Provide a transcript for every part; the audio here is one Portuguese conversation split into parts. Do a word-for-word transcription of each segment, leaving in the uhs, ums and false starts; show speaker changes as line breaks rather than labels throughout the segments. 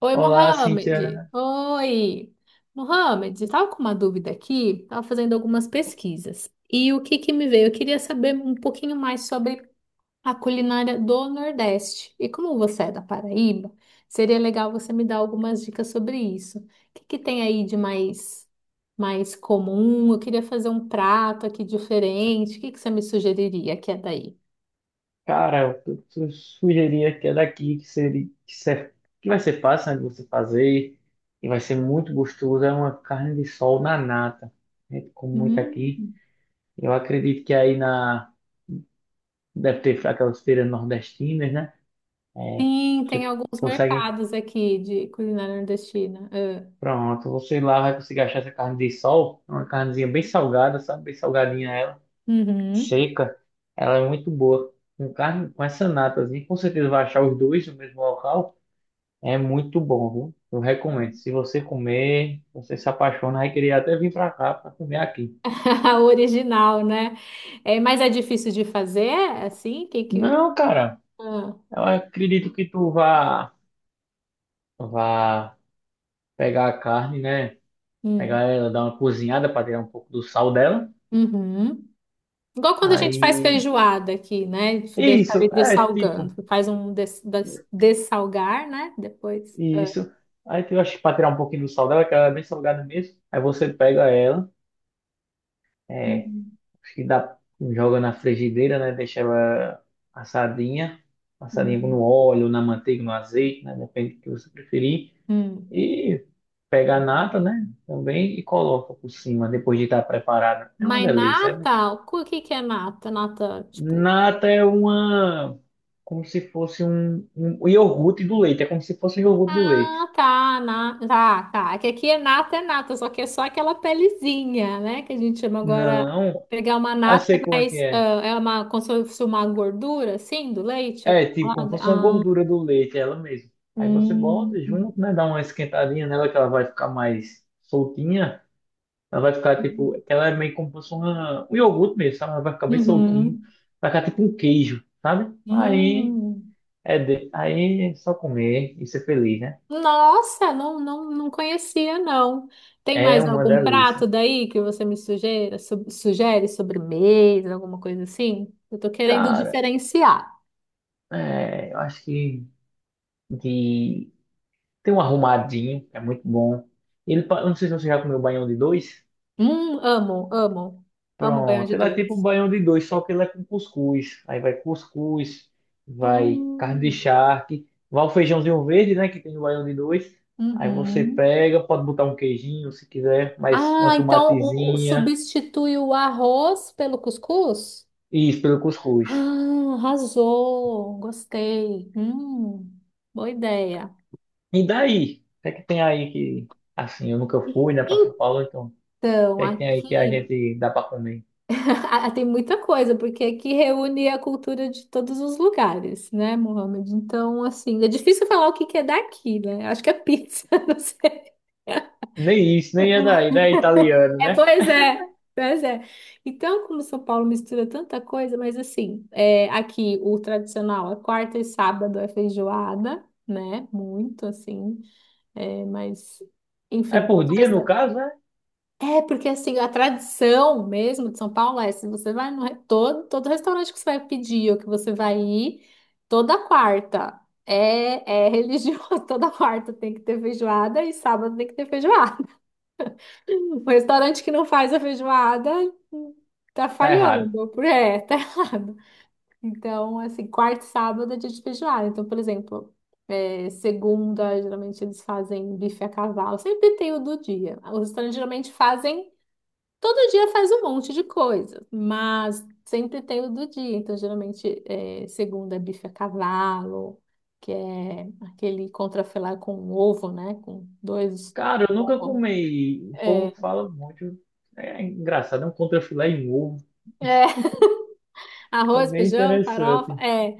Oi,
Olá,
Mohamed.
Cíntia.
Oi. Mohamed, estava com uma dúvida aqui, estava fazendo algumas pesquisas. E o que que me veio? Eu queria saber um pouquinho mais sobre a culinária do Nordeste. E como você é da Paraíba, seria legal você me dar algumas dicas sobre isso. O que que tem aí de mais, mais comum? Eu queria fazer um prato aqui diferente. O que que você me sugeriria que é daí?
Cara, eu eu sugeria que é daqui que seria que, ser- que vai ser fácil, né, de você fazer e vai ser muito gostoso. É uma carne de sol na nata. A gente come muito
Hum,
aqui. Eu acredito que aí na deve ter aquelas feiras nordestinas, né? É,
sim, tem
você
alguns
consegue.
mercados aqui de culinária nordestina. Ah.
Pronto, você lá vai conseguir achar essa carne de sol. É uma carnezinha bem salgada, sabe? Bem salgadinha ela,
Uhum.
seca. Ela é muito boa. Com carne, com essa natazinha, com certeza vai achar os dois no mesmo local. É muito bom, viu? Eu recomendo. Se você comer, você se apaixona, vai querer até vir pra cá pra comer aqui.
O original, né? É, mas é difícil de fazer, assim? Que que...
Não, cara,
Ah,
eu acredito que tu vá, vá pegar a carne, né? Pegar
hum.
ela, dar uma cozinhada para tirar um pouco do sal dela.
Uhum. Igual quando a gente faz
Aí,
feijoada aqui, né? Deixa
isso,
ali
é tipo,
dessalgando. Faz um des, des- dessalgar, né? Depois.
isso. Aí tu acha que para tirar um pouquinho do sal dela, que ela é bem salgada mesmo. Aí você pega ela. É.
Uhum.
Acho que dá, joga na frigideira, né? Deixa ela assadinha, assadinha no
Uhum.
óleo, na manteiga, no azeite, né? Depende do que você preferir.
Hum.
E pega a nata, né? Também e coloca por cima, depois de estar preparada. É uma
Mas
delícia. É doce.
nata, o que que é nata? Nata, tipo.
Nata é uma. Como se fosse um, um iogurte do leite. É como se fosse um iogurte do
Ah,
leite.
tá, na, tá, tá. É que aqui é nata, é nata, só que é só aquela pelezinha, né? Que a gente chama agora.
Não,
Pegar uma
ah,
nata é
sei como é que
mais. Ah,
é.
é uma, como se fosse uma gordura, assim, do leite
É, tipo, como
acumulada.
fosse uma
Ah,
gordura do leite, é ela mesmo. Aí você bota
hum.
junto, né? Dá uma esquentadinha nela que ela vai ficar mais soltinha. Ela vai ficar tipo. Que Ela é meio como se fosse uma, um iogurte mesmo, sabe? Ela vai ficar bem
Uhum.
soltinha.
Hum.
Vai ficar tipo um queijo, sabe? Aí
Hum.
é, de- aí é só comer e ser feliz, né?
Nossa, não, não, não conhecia, não. Tem
É
mais
uma
algum prato
delícia.
daí que você me sugere, sugere sobremesa, alguma coisa assim? Eu tô querendo
Cara,
diferenciar.
é, eu acho que de. Tem um arrumadinho, é muito bom. Ele, pa- eu não sei se você já comeu baião de dois.
Hum, amo, amo. Amo banho
Pronto,
de
ele é tipo um
dois.
baião de dois, só que ele é com cuscuz. Aí vai cuscuz, vai carne de
Hum,
charque, vai o feijãozinho verde, né, que tem no baião de dois. Aí você
uhum.
pega, pode botar um queijinho se quiser, mas uma
Ah, então o, o-
tomatezinha,
substitui o arroz pelo cuscuz?
e isso pelo cuscuz.
Ah, arrasou. Gostei. Hum, boa ideia.
E daí? O que é que tem aí que, assim, eu nunca fui, né, pra São Paulo, então, o que
Então,
é que tem aí que a
aqui
gente dá pra comer?
ah, tem muita coisa, porque aqui reúne a cultura de todos os lugares, né, Mohamed? Então, assim, é difícil falar o que que é daqui, né? Acho que é pizza, não sei.
Nem isso, nem é daí, né, italiano,
É,
né?
pois é, pois é. Então, como São Paulo mistura tanta coisa, mas assim, é, aqui o tradicional, é quarta e sábado é feijoada, né? Muito assim, é, mas
É
enfim,
por
todo
dia, no
restaurante.
caso, né?
É, porque assim, a tradição mesmo de São Paulo é, se você vai no re- todo, todo restaurante que você vai pedir ou que você vai ir, toda quarta é, é religioso, toda quarta tem que ter feijoada e sábado tem que ter feijoada. Um restaurante que não faz a feijoada tá
Tá errado.
falhando, é, tá errado. Então, assim, quarta e sábado é dia de feijoada. Então, por exemplo, é, segunda, geralmente eles fazem bife a cavalo, sempre tem o do dia. Os restaurantes geralmente fazem, todo dia faz um monte de coisa, mas sempre tem o do dia. Então, geralmente, é, segunda é bife a cavalo, que é aquele contrafilé com ovo, né? Com dois
Cara, eu nunca
ovos.
comi. O
É,
povo fala muito. É engraçado, é um contrafilé em ovo.
é,
É
arroz,
bem
feijão, farofa.
interessante.
É,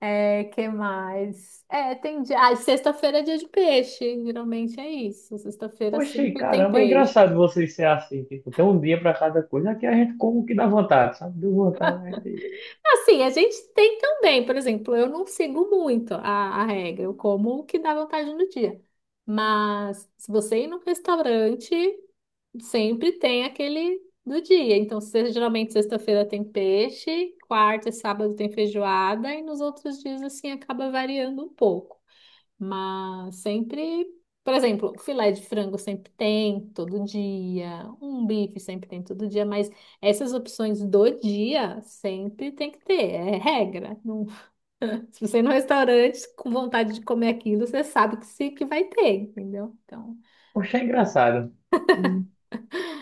é, que mais? É, tem dia. Ah, e sexta-feira é dia de peixe. Geralmente é isso. Sexta-feira
Oxi,
sempre tem
caramba, é
peixe.
engraçado vocês ser assim. Tipo, tem um dia pra cada coisa. Aqui a gente come o que dá vontade, sabe? Deu vontade, a gente.
Assim, a gente tem também, por exemplo, eu não sigo muito a, a regra. Eu como o que dá vontade no dia. Mas se você ir num restaurante, sempre tem aquele do dia. Então, se- geralmente sexta-feira tem peixe, quarta e sábado tem feijoada, e nos outros dias, assim, acaba variando um pouco. Mas sempre, por exemplo, filé de frango sempre tem todo dia, um bife sempre tem todo dia, mas essas opções do dia sempre tem que ter, é regra. Não- se você ir no restaurante com vontade de comer aquilo, você sabe que, se, que vai ter, entendeu? Então,
Oxe, é engraçado. E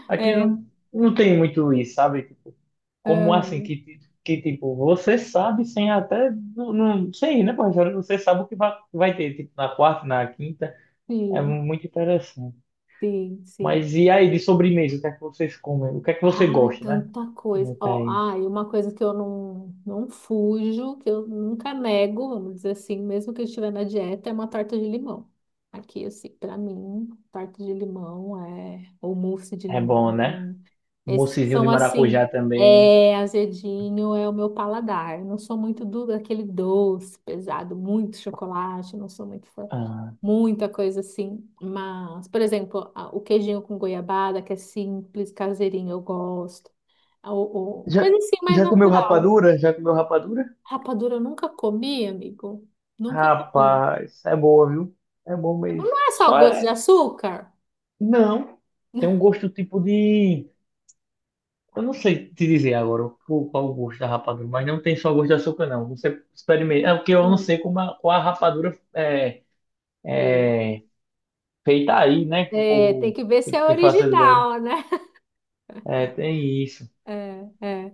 aqui
é,
não, não tem muito isso, sabe? Tipo, como assim,
aham,
que, ti- que tipo, você sabe sem até. Não, não, sem ir, né, professor? Você sabe o que vai, vai ter, tipo, na quarta, na quinta. É
sim,
muito interessante.
sim, sim.
Mas e aí, de sobremesa, o que é que vocês comem? O que é que você
Ai,
gosta, né?
tanta
Não
coisa.
tá
Ó,
aí.
ai, uma coisa que eu não, não fujo, que eu nunca nego, vamos dizer assim, mesmo que eu estiver na dieta, é uma torta de limão. Aqui, assim, pra mim, torta de limão é, ou mousse de
É
limão.
bom, né?
Esses que
Moussezinho de
são assim,
maracujá também.
é azedinho, é o meu paladar. Eu não sou muito do daquele doce pesado, muito chocolate, eu não sou muito fã
Ah,
muita coisa assim. Mas, por exemplo, a- o queijinho com goiabada, que é simples, caseirinho, eu gosto. O, o-
Já,
coisa assim mais
já comeu
natural.
rapadura? Já comeu rapadura?
Rapadura eu nunca comi, amigo. Nunca comi.
Rapaz, é boa, viu? É bom
Mas
mesmo.
não é só
Só
gosto de
é.
açúcar?
Não. Tem um gosto tipo de. Eu não sei te dizer agora o- qual o gosto da rapadura, mas não tem só gosto de açúcar, não. Você experimenta. É porque eu não sei
Hum,
como a, qual a rapadura é,
é.
é feita aí, né? Que o
É, tem
povo
que ver se
tem
é
tem facilidade.
original, né?
É, tem isso.
É, é.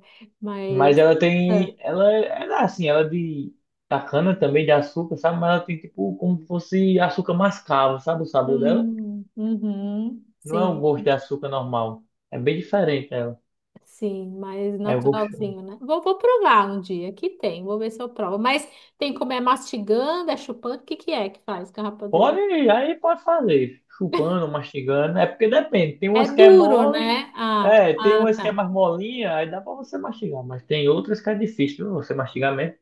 Mas
Mas.
ela tem.
É.
Ela, ela assim, ela é de. Da cana também, de açúcar, sabe? Mas ela tem tipo como se fosse açúcar mascavo, sabe? O sabor dela.
Hum, uhum,
Não é
sim.
um gosto de açúcar normal. É bem diferente ela.
Sim, mais
É gostoso.
naturalzinho, né? Vou, vou provar um dia, que tem, vou ver se eu provo. Mas tem como é mastigando, é chupando, o que que é que faz garrafa dura?
Pode, aí pode fazer. Chupando, mastigando. É porque depende. Tem
É
umas que é
duro,
mole.
né? Ah,
É, tem
ah,
umas que é
tá.
mais molinha, aí dá pra você mastigar. Mas tem outras que é difícil, viu? Você mastigar mesmo.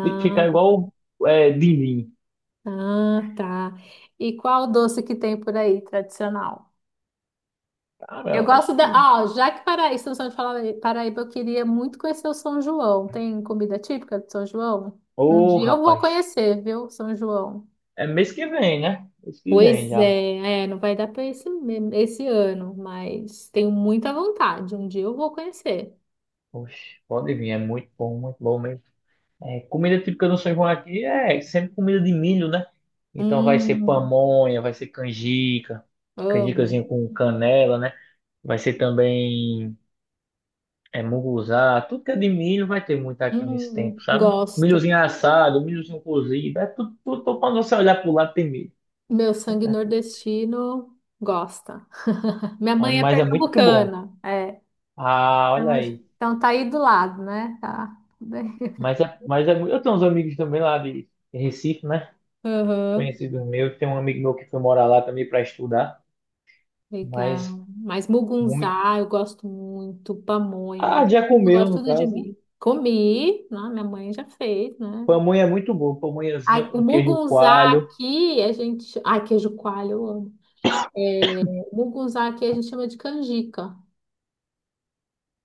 Tem que ficar igual é, din-din.
ah, tá. E qual doce que tem por aí, tradicional?
Cara,
Eu
eu acho
gosto da...
que.
Ah, já que Paraíba, estamos falando de Fala- Paraíba, eu queria muito conhecer o São João. Tem comida típica de São João? Um
Ô,
dia eu vou
rapaz.
conhecer, viu, São João?
É mês que vem, né? Mês que vem
Pois
já.
é, é, não vai dar para esse, esse ano, mas tenho muita vontade. Um dia eu vou conhecer.
Oxe, pode vir, é muito bom, muito bom mesmo. É, comida típica do São João aqui é sempre comida de milho, né? Então vai ser
Hum,
pamonha, vai ser canjica,
amo.
canjicazinho com canela, né? Vai ser também é, munguzá, tudo que é de milho vai ter muito aqui nesse
Hum,
tempo, sabe?
gosto.
Milhozinho assado, milhozinho cozido, é tudo, tudo, tudo quando você olhar pro lado tem milho.
Meu sangue nordestino gosta. Minha
Aí,
mãe é
mas é muito bom.
pernambucana, é.
Ah, olha
Então
aí.
então tá aí do lado, né? Tá.
Mas é, mas é, mu- eu tenho uns amigos também lá de Recife, né?
Aham,
Conhecido meu, tem um amigo meu que foi morar lá também para estudar, mas
legal. Mas
muito.
mugunzá eu gosto muito, pamonha,
Ah,
gosto,
já comeu,
gosto
no
tudo de
caso, né?
mim. Comi, né? Minha mãe já fez, né?
Pamonha é muito boa, pamonhazinha
Ai, o
com queijo
mugunzá
coalho.
aqui, a gente. Ai, queijo coalho, eu amo. É, o mugunzá aqui a gente chama de canjica.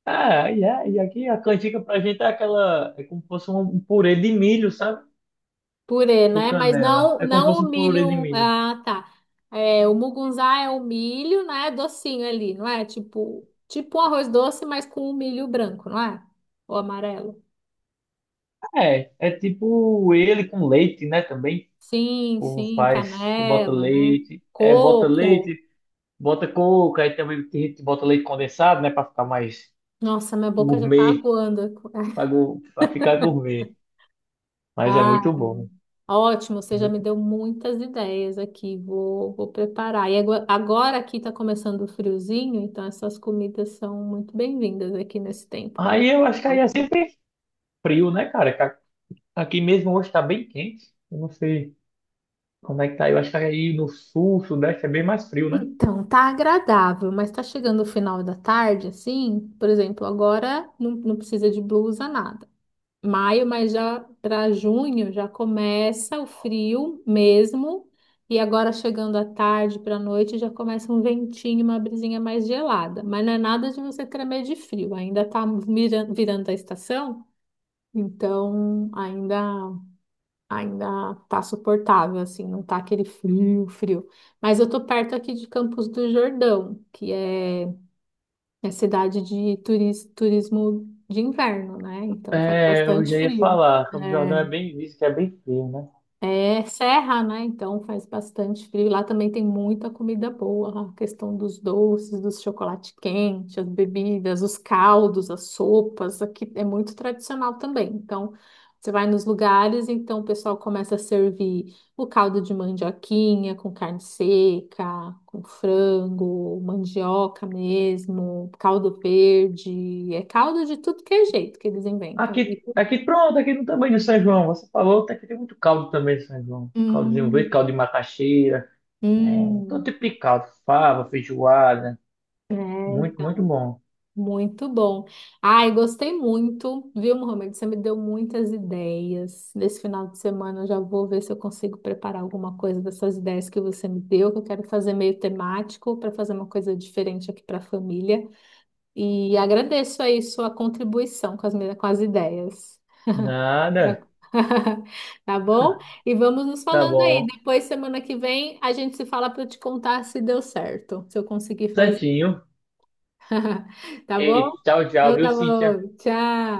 Ah, e, a- e aqui a canjica pra gente é aquela. É como se fosse um um purê de milho, sabe?
Purê,
Com
né? Mas
canela.
não,
É como se
não
fosse
o
um purê de
milho.
milho.
Ah, tá. É, o mugunzá é o milho, né? Docinho ali, não é? Tipo, tipo um arroz doce, mas com o milho branco, não é? Ou amarelo.
É, é tipo ele com leite, né? Também.
Sim,
O povo
sim,
faz, você bota
canela, né?
leite, é, bota
Coco.
leite, bota coco, aí também tem gente que bota leite condensado, né? Pra ficar mais
Nossa, minha boca já tá
gourmet,
aguando.
pra, gu- pra ficar gourmet. Mas é
Ah,
muito bom.
ótimo, você já me
Muito...
deu muitas ideias aqui. Vou, vou preparar. E agora, agora aqui está começando o friozinho, então essas comidas são muito bem-vindas aqui nesse tempo, quando
Aí eu acho que
tá o
aí é
frio.
sempre frio, né, cara? Que a- Aqui mesmo hoje tá bem quente. Eu não sei como é que tá. Eu acho que aí no sul, sudeste é bem mais frio, né?
Então, tá agradável, mas tá chegando o final da tarde, assim, por exemplo, agora não, não precisa de blusa, nada. Maio, mas já para junho já começa o frio mesmo. E agora chegando à tarde para a noite já começa um ventinho, uma brisinha mais gelada. Mas não é nada de você tremer de frio, ainda tá miran- virando a estação, então ainda ainda tá suportável assim, não tá aquele frio, frio. Mas eu tô perto aqui de Campos do Jordão, que é é cidade de turis- turismo de inverno, né? Então faz
É, eu
bastante
já ia
frio.
falar. Campos do Jordão é bem isso, que é bem frio, né?
É serra, né? Então faz bastante frio. Lá também tem muita comida boa, a questão dos doces, dos chocolate quente, as bebidas, os caldos, as sopas. Aqui é muito tradicional também. Então você vai nos lugares, então o pessoal começa a servir o caldo de mandioquinha com carne seca, com frango, mandioca mesmo, caldo verde. É caldo de tudo que é jeito que eles inventam.
Aqui,
E-
aqui pronto, aqui no tamanho do São João. Você falou até que tem muito caldo também de São João. Caldozinho verde,
Hum,
caldo de macaxeira. É, todo
hum.
tipo de caldo. Fava, feijoada.
É,
Muito, muito
então.
bom.
Muito bom. Ai, gostei muito, viu, Mohamed? Você me deu muitas ideias. Nesse final de semana eu já vou ver se eu consigo preparar alguma coisa dessas ideias que você me deu, que eu quero fazer meio temático para fazer uma coisa diferente aqui para a família. E agradeço aí sua contribuição com as, minhas- com as ideias.
Nada.
Tá bom? E vamos nos
Tá
falando aí.
bom.
Depois, semana que vem, a gente se fala para eu te contar se deu certo, se eu conseguir fazer.
Certinho.
Tá bom?
Ei, tchau, tchau,
Então
viu,
tá
Cíntia?
bom. Tchau.